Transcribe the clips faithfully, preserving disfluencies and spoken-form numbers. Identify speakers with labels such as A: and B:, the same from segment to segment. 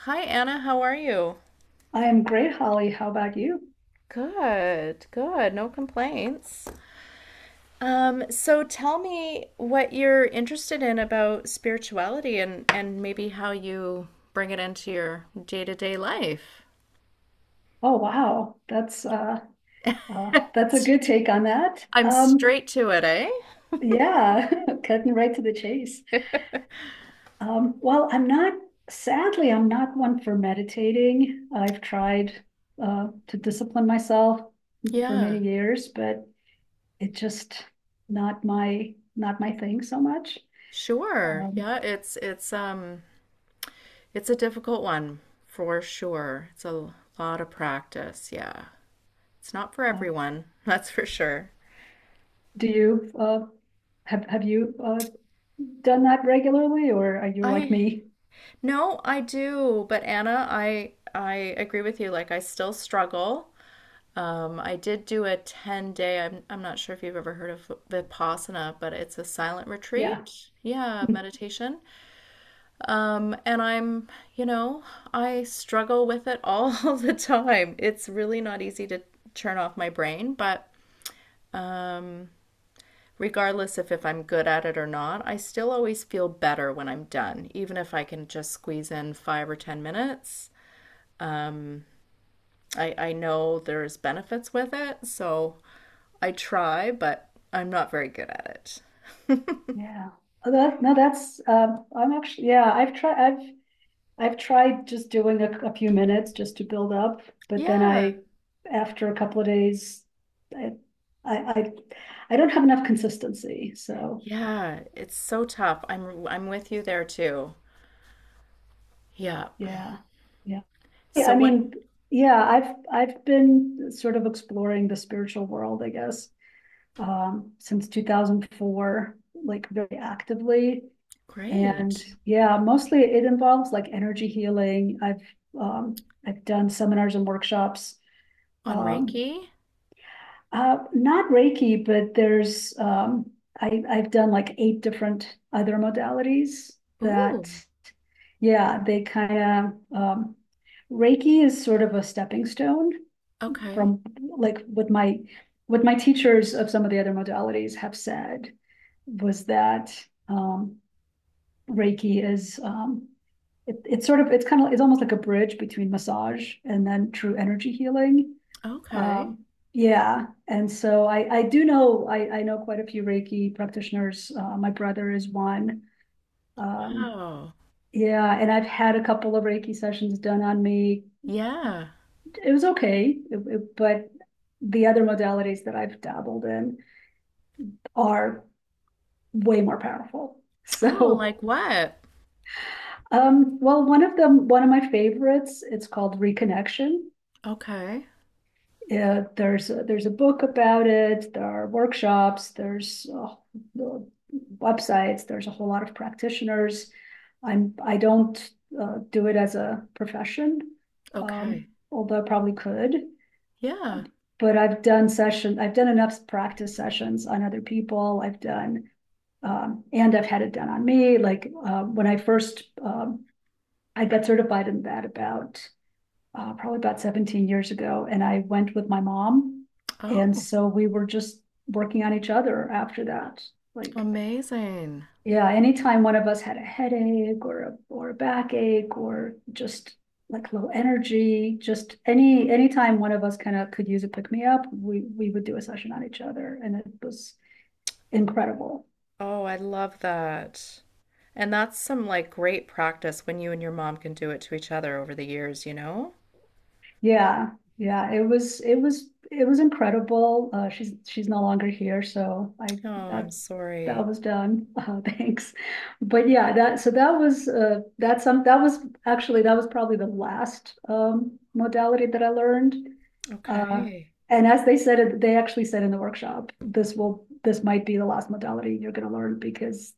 A: Hi, Anna. How are you?
B: I am great, Holly. How about you?
A: Good, good. No complaints. Um, so tell me what you're interested in about spirituality and, and maybe how you bring it into your day-to-day life.
B: Oh, wow. That's uh, uh that's a good take on that.
A: I'm straight
B: Um,
A: to it, eh?
B: yeah, cutting right to the chase. Um, well, I'm not, sadly, I'm not one for meditating. I've tried uh, to discipline myself for many
A: Yeah,
B: years, but it just not my not my thing so much.
A: sure.
B: Um,
A: Yeah, it's it's um it's a difficult one for sure. It's a lot of practice, yeah. It's not for
B: uh,
A: everyone, that's for sure.
B: do you uh, have have you uh, done that regularly, or are you like
A: I
B: me?
A: No, I do, but Anna, I I agree with you. Like I still struggle. Um, I did do a ten day. I'm I'm not sure if you've ever heard of Vipassana, but it's a silent
B: Yeah,
A: retreat. Yeah, meditation. Um, and I'm, you know, I struggle with it all the time. It's really not easy to turn off my brain, but um, regardless if, if I'm good at it or not, I still always feel better when I'm done, even if I can just squeeze in five or ten minutes. I, I know there's benefits with it, so I try, but I'm not very good at it.
B: yeah. Oh, That, no, that's um I'm actually. Yeah, I've tried. I've I've tried just doing a, a few minutes just to build up, but then
A: Yeah.
B: I, after a couple of days, I, I, I, I don't have enough consistency. So
A: Yeah, it's so tough. I'm I'm with you there too. Yeah.
B: yeah, yeah. Yeah,
A: So
B: I
A: what
B: mean, yeah, I've I've been sort of exploring the spiritual world, I guess, um, since two thousand four, like very actively. And
A: great.
B: yeah, mostly it involves like energy healing. I've um, I've done seminars and workshops.
A: On
B: um,
A: Reiki?
B: Uh, not Reiki, but there's um, I, I've done like eight different other modalities
A: Ooh.
B: that, yeah, they kind of um, Reiki is sort of a stepping stone
A: Okay.
B: from like what my what my teachers of some of the other modalities have said was that. um, Reiki is um, it, it's sort of it's kind of it's almost like a bridge between massage and then true energy healing.
A: Okay.
B: um, yeah, and so I I do know I I know quite a few Reiki practitioners. Uh, my brother is one. Um,
A: Oh.
B: yeah, and I've had a couple of Reiki sessions done on me.
A: Yeah.
B: It was okay, it- it- but the other modalities that I've dabbled in are way more powerful.
A: Oh,
B: So,
A: like what?
B: um, well, one of them, one of my favorites, it's called Reconnection.
A: Okay.
B: Yeah, there's a, there's a book about it. There are workshops. There's uh, websites. There's a whole lot of practitioners. I'm I don't uh, do it as a profession, um,
A: Okay.
B: although I probably could.
A: Yeah.
B: But I've done session. I've done enough practice sessions on other people. I've done um, And I've had it done on me. Like, uh, when I first um, I got certified in that about uh, probably about seventeen years ago, and I went with my mom. And
A: Oh,
B: so we were just working on each other after that. Like,
A: amazing.
B: yeah, anytime one of us had a headache or a, or a backache or just like low energy, just any anytime one of us kind of could use a pick me up, we we would do a session on each other, and it was incredible.
A: Oh, I love that. And that's some like great practice when you and your mom can do it to each other over the years, you know?
B: Yeah, yeah, it was it was it was incredible. Uh, she's she's no longer here, so I
A: Oh, I'm
B: that
A: sorry.
B: that was done. Uh, thanks. But yeah, that so that was uh that's some that was actually that was probably the last um modality that I learned. Uh,
A: Okay.
B: and as they said it, they actually said in the workshop, this will this might be the last modality you're going to learn because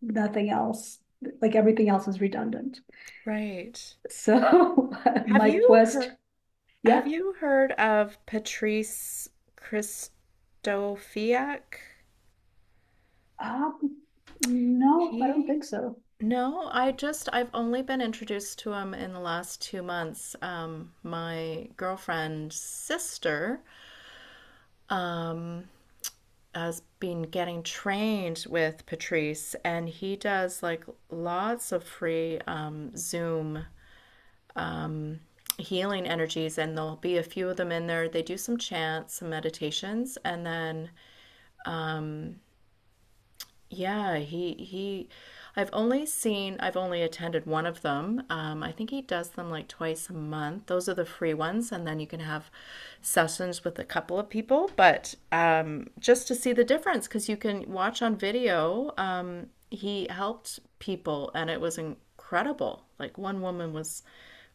B: nothing else, like everything else is redundant.
A: Right.
B: So
A: Have
B: my
A: you
B: quest.
A: heard have
B: Yeah.
A: you heard of Patrice Christofiak?
B: Um, no, I don't
A: He
B: think so.
A: No, I just I've only been introduced to him in the last two months. Um, my girlfriend's sister Um, has been getting trained with Patrice, and he does like lots of free um, Zoom um, healing energies, and there'll be a few of them in there. They do some chants, some meditations, and then um, yeah, he he I've only seen I've only attended one of them. Um, I think he does them like twice a month. Those are the free ones, and then you can have sessions with a couple of people, but um, just to see the difference because you can watch on video. Um, he helped people, and it was incredible. Like one woman was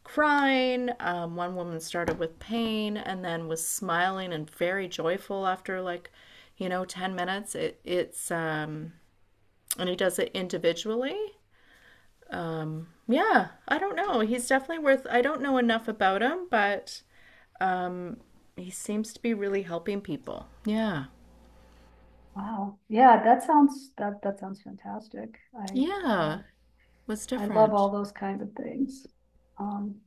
A: crying, um, one woman started with pain, and then was smiling and very joyful after like, you know, ten minutes. It it's um And he does it individually. Um, yeah, I don't know. He's definitely worth. I don't know enough about him, but he seems to be really helping people. Yeah,
B: Wow. Yeah, that sounds that that sounds fantastic. I uh,
A: yeah, was
B: I love
A: different.
B: all those kind of things. Um,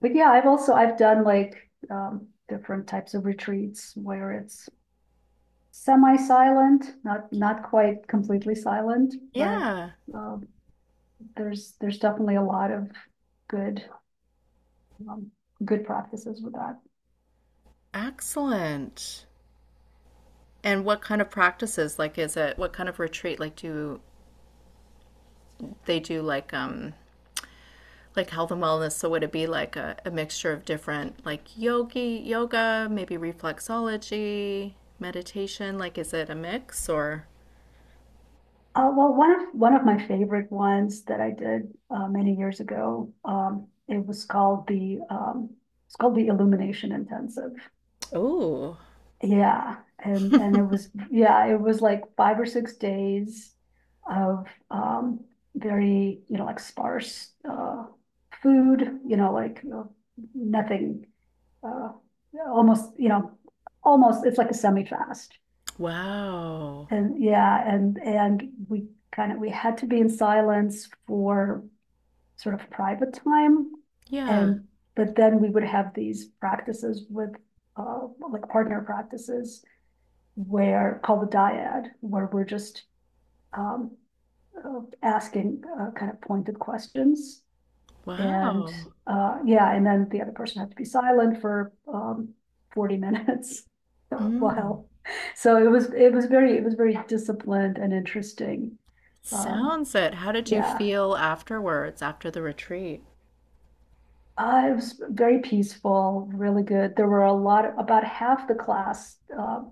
B: but yeah, I've also I've done like um, different types of retreats where it's semi-silent, not not quite completely silent, but
A: Yeah,
B: uh there's there's definitely a lot of good um, good practices with that.
A: excellent. And what kind of practices? Like, is it what kind of retreat? Like, do they do like um like health and wellness? So would it be like a, a mixture of different like yogi yoga, maybe reflexology, meditation? Like, is it a mix or?
B: Uh, well, one of, one of my favorite ones that I did uh, many years ago. Um, it was called the um, it's called the Illumination Intensive.
A: Oh,
B: Yeah, and and it was yeah, it was like five or six days of um, very, you know, like sparse uh, food, you know, like, you know, nothing, uh, almost you know almost it's like a semi fast.
A: wow.
B: And yeah, and and we kind of we had to be in silence for sort of private time,
A: Yeah.
B: and but then we would have these practices with uh, like partner practices where called the dyad, where we're just um, uh, asking uh, kind of pointed questions. And,
A: Wow.
B: uh, yeah, and then the other person had to be silent for, um, forty minutes.
A: Mm.
B: Wow. So it was, it was very, it was very disciplined and interesting. Um,
A: Sounds it. How did you
B: yeah,
A: feel afterwards, after the retreat?
B: uh, it was very peaceful, really good. There were a lot, of, about half the class, uh,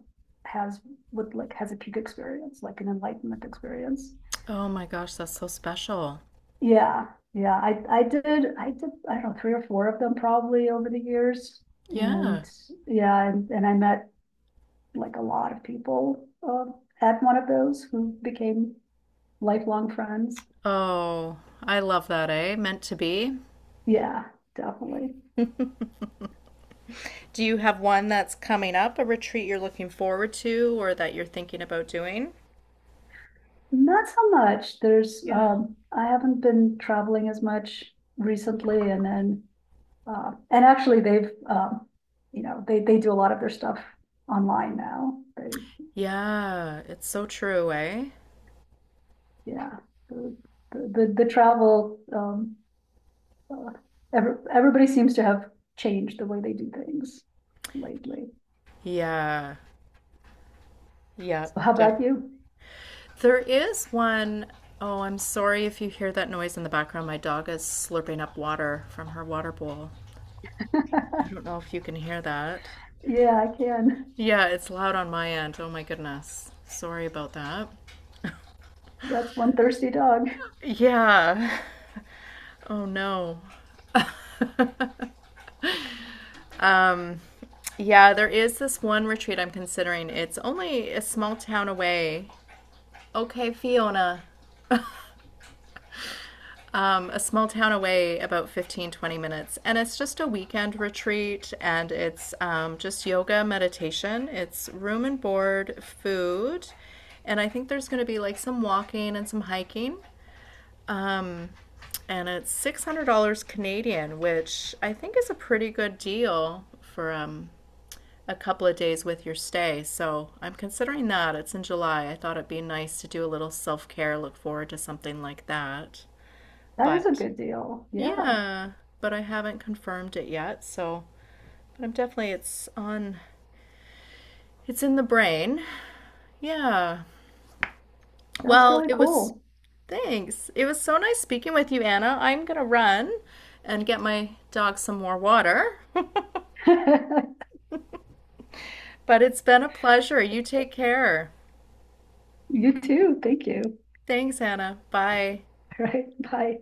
B: has, would like, has a peak experience, like an enlightenment experience.
A: Oh my gosh, that's so special.
B: Yeah, yeah, I, I did, I did, I don't know, three or four of them probably over the years.
A: Yeah.
B: And yeah, and, and I met like a lot of people uh, had one of those who became lifelong friends.
A: Oh, I love that, eh? Meant to be.
B: Yeah, definitely.
A: Do you have one that's coming up, a retreat you're looking forward to or that you're thinking about doing?
B: Not so much. There's
A: Yeah.
B: um, I haven't been traveling as much recently, and then uh, and actually, they've um, you know they they do a lot of their stuff online now. They,
A: Yeah, it's so true, eh?
B: yeah, the the, the, travel um, uh, every, everybody seems to have changed the way they do things lately.
A: Yeah. Yep.
B: So how
A: Definitely.
B: about you?
A: There is one oh, I'm sorry if you hear that noise in the background. My dog is slurping up water from her water bowl. I don't know if you can hear that.
B: Yeah, I can.
A: Yeah, it's loud on my end. Oh my goodness. Sorry about that.
B: That's one thirsty dog.
A: Yeah. Oh no. Yeah, there is this one retreat I'm considering. It's only a small town away. Okay, Fiona. Um, a small town away, about fifteen, twenty minutes. And it's just a weekend retreat and it's um, just yoga, meditation. It's room and board, food. And I think there's going to be like some walking and some hiking. Um, and it's six hundred dollars Canadian, which I think is a pretty good deal for um, a couple of days with your stay. So I'm considering that. It's in July. I thought it'd be nice to do a little self care, look forward to something like that.
B: That is a
A: But
B: good deal. Yeah,
A: Yeah, but I haven't confirmed it yet, so but I'm definitely it's on it's in the brain. Yeah.
B: that's
A: Well,
B: really
A: it was
B: cool.
A: Thanks. It was so nice speaking with you, Anna. I'm gonna run and get my dog some more water. But it's been a pleasure. You take care.
B: You too. Thank you.
A: Thanks, Anna. Bye.
B: All right. Bye.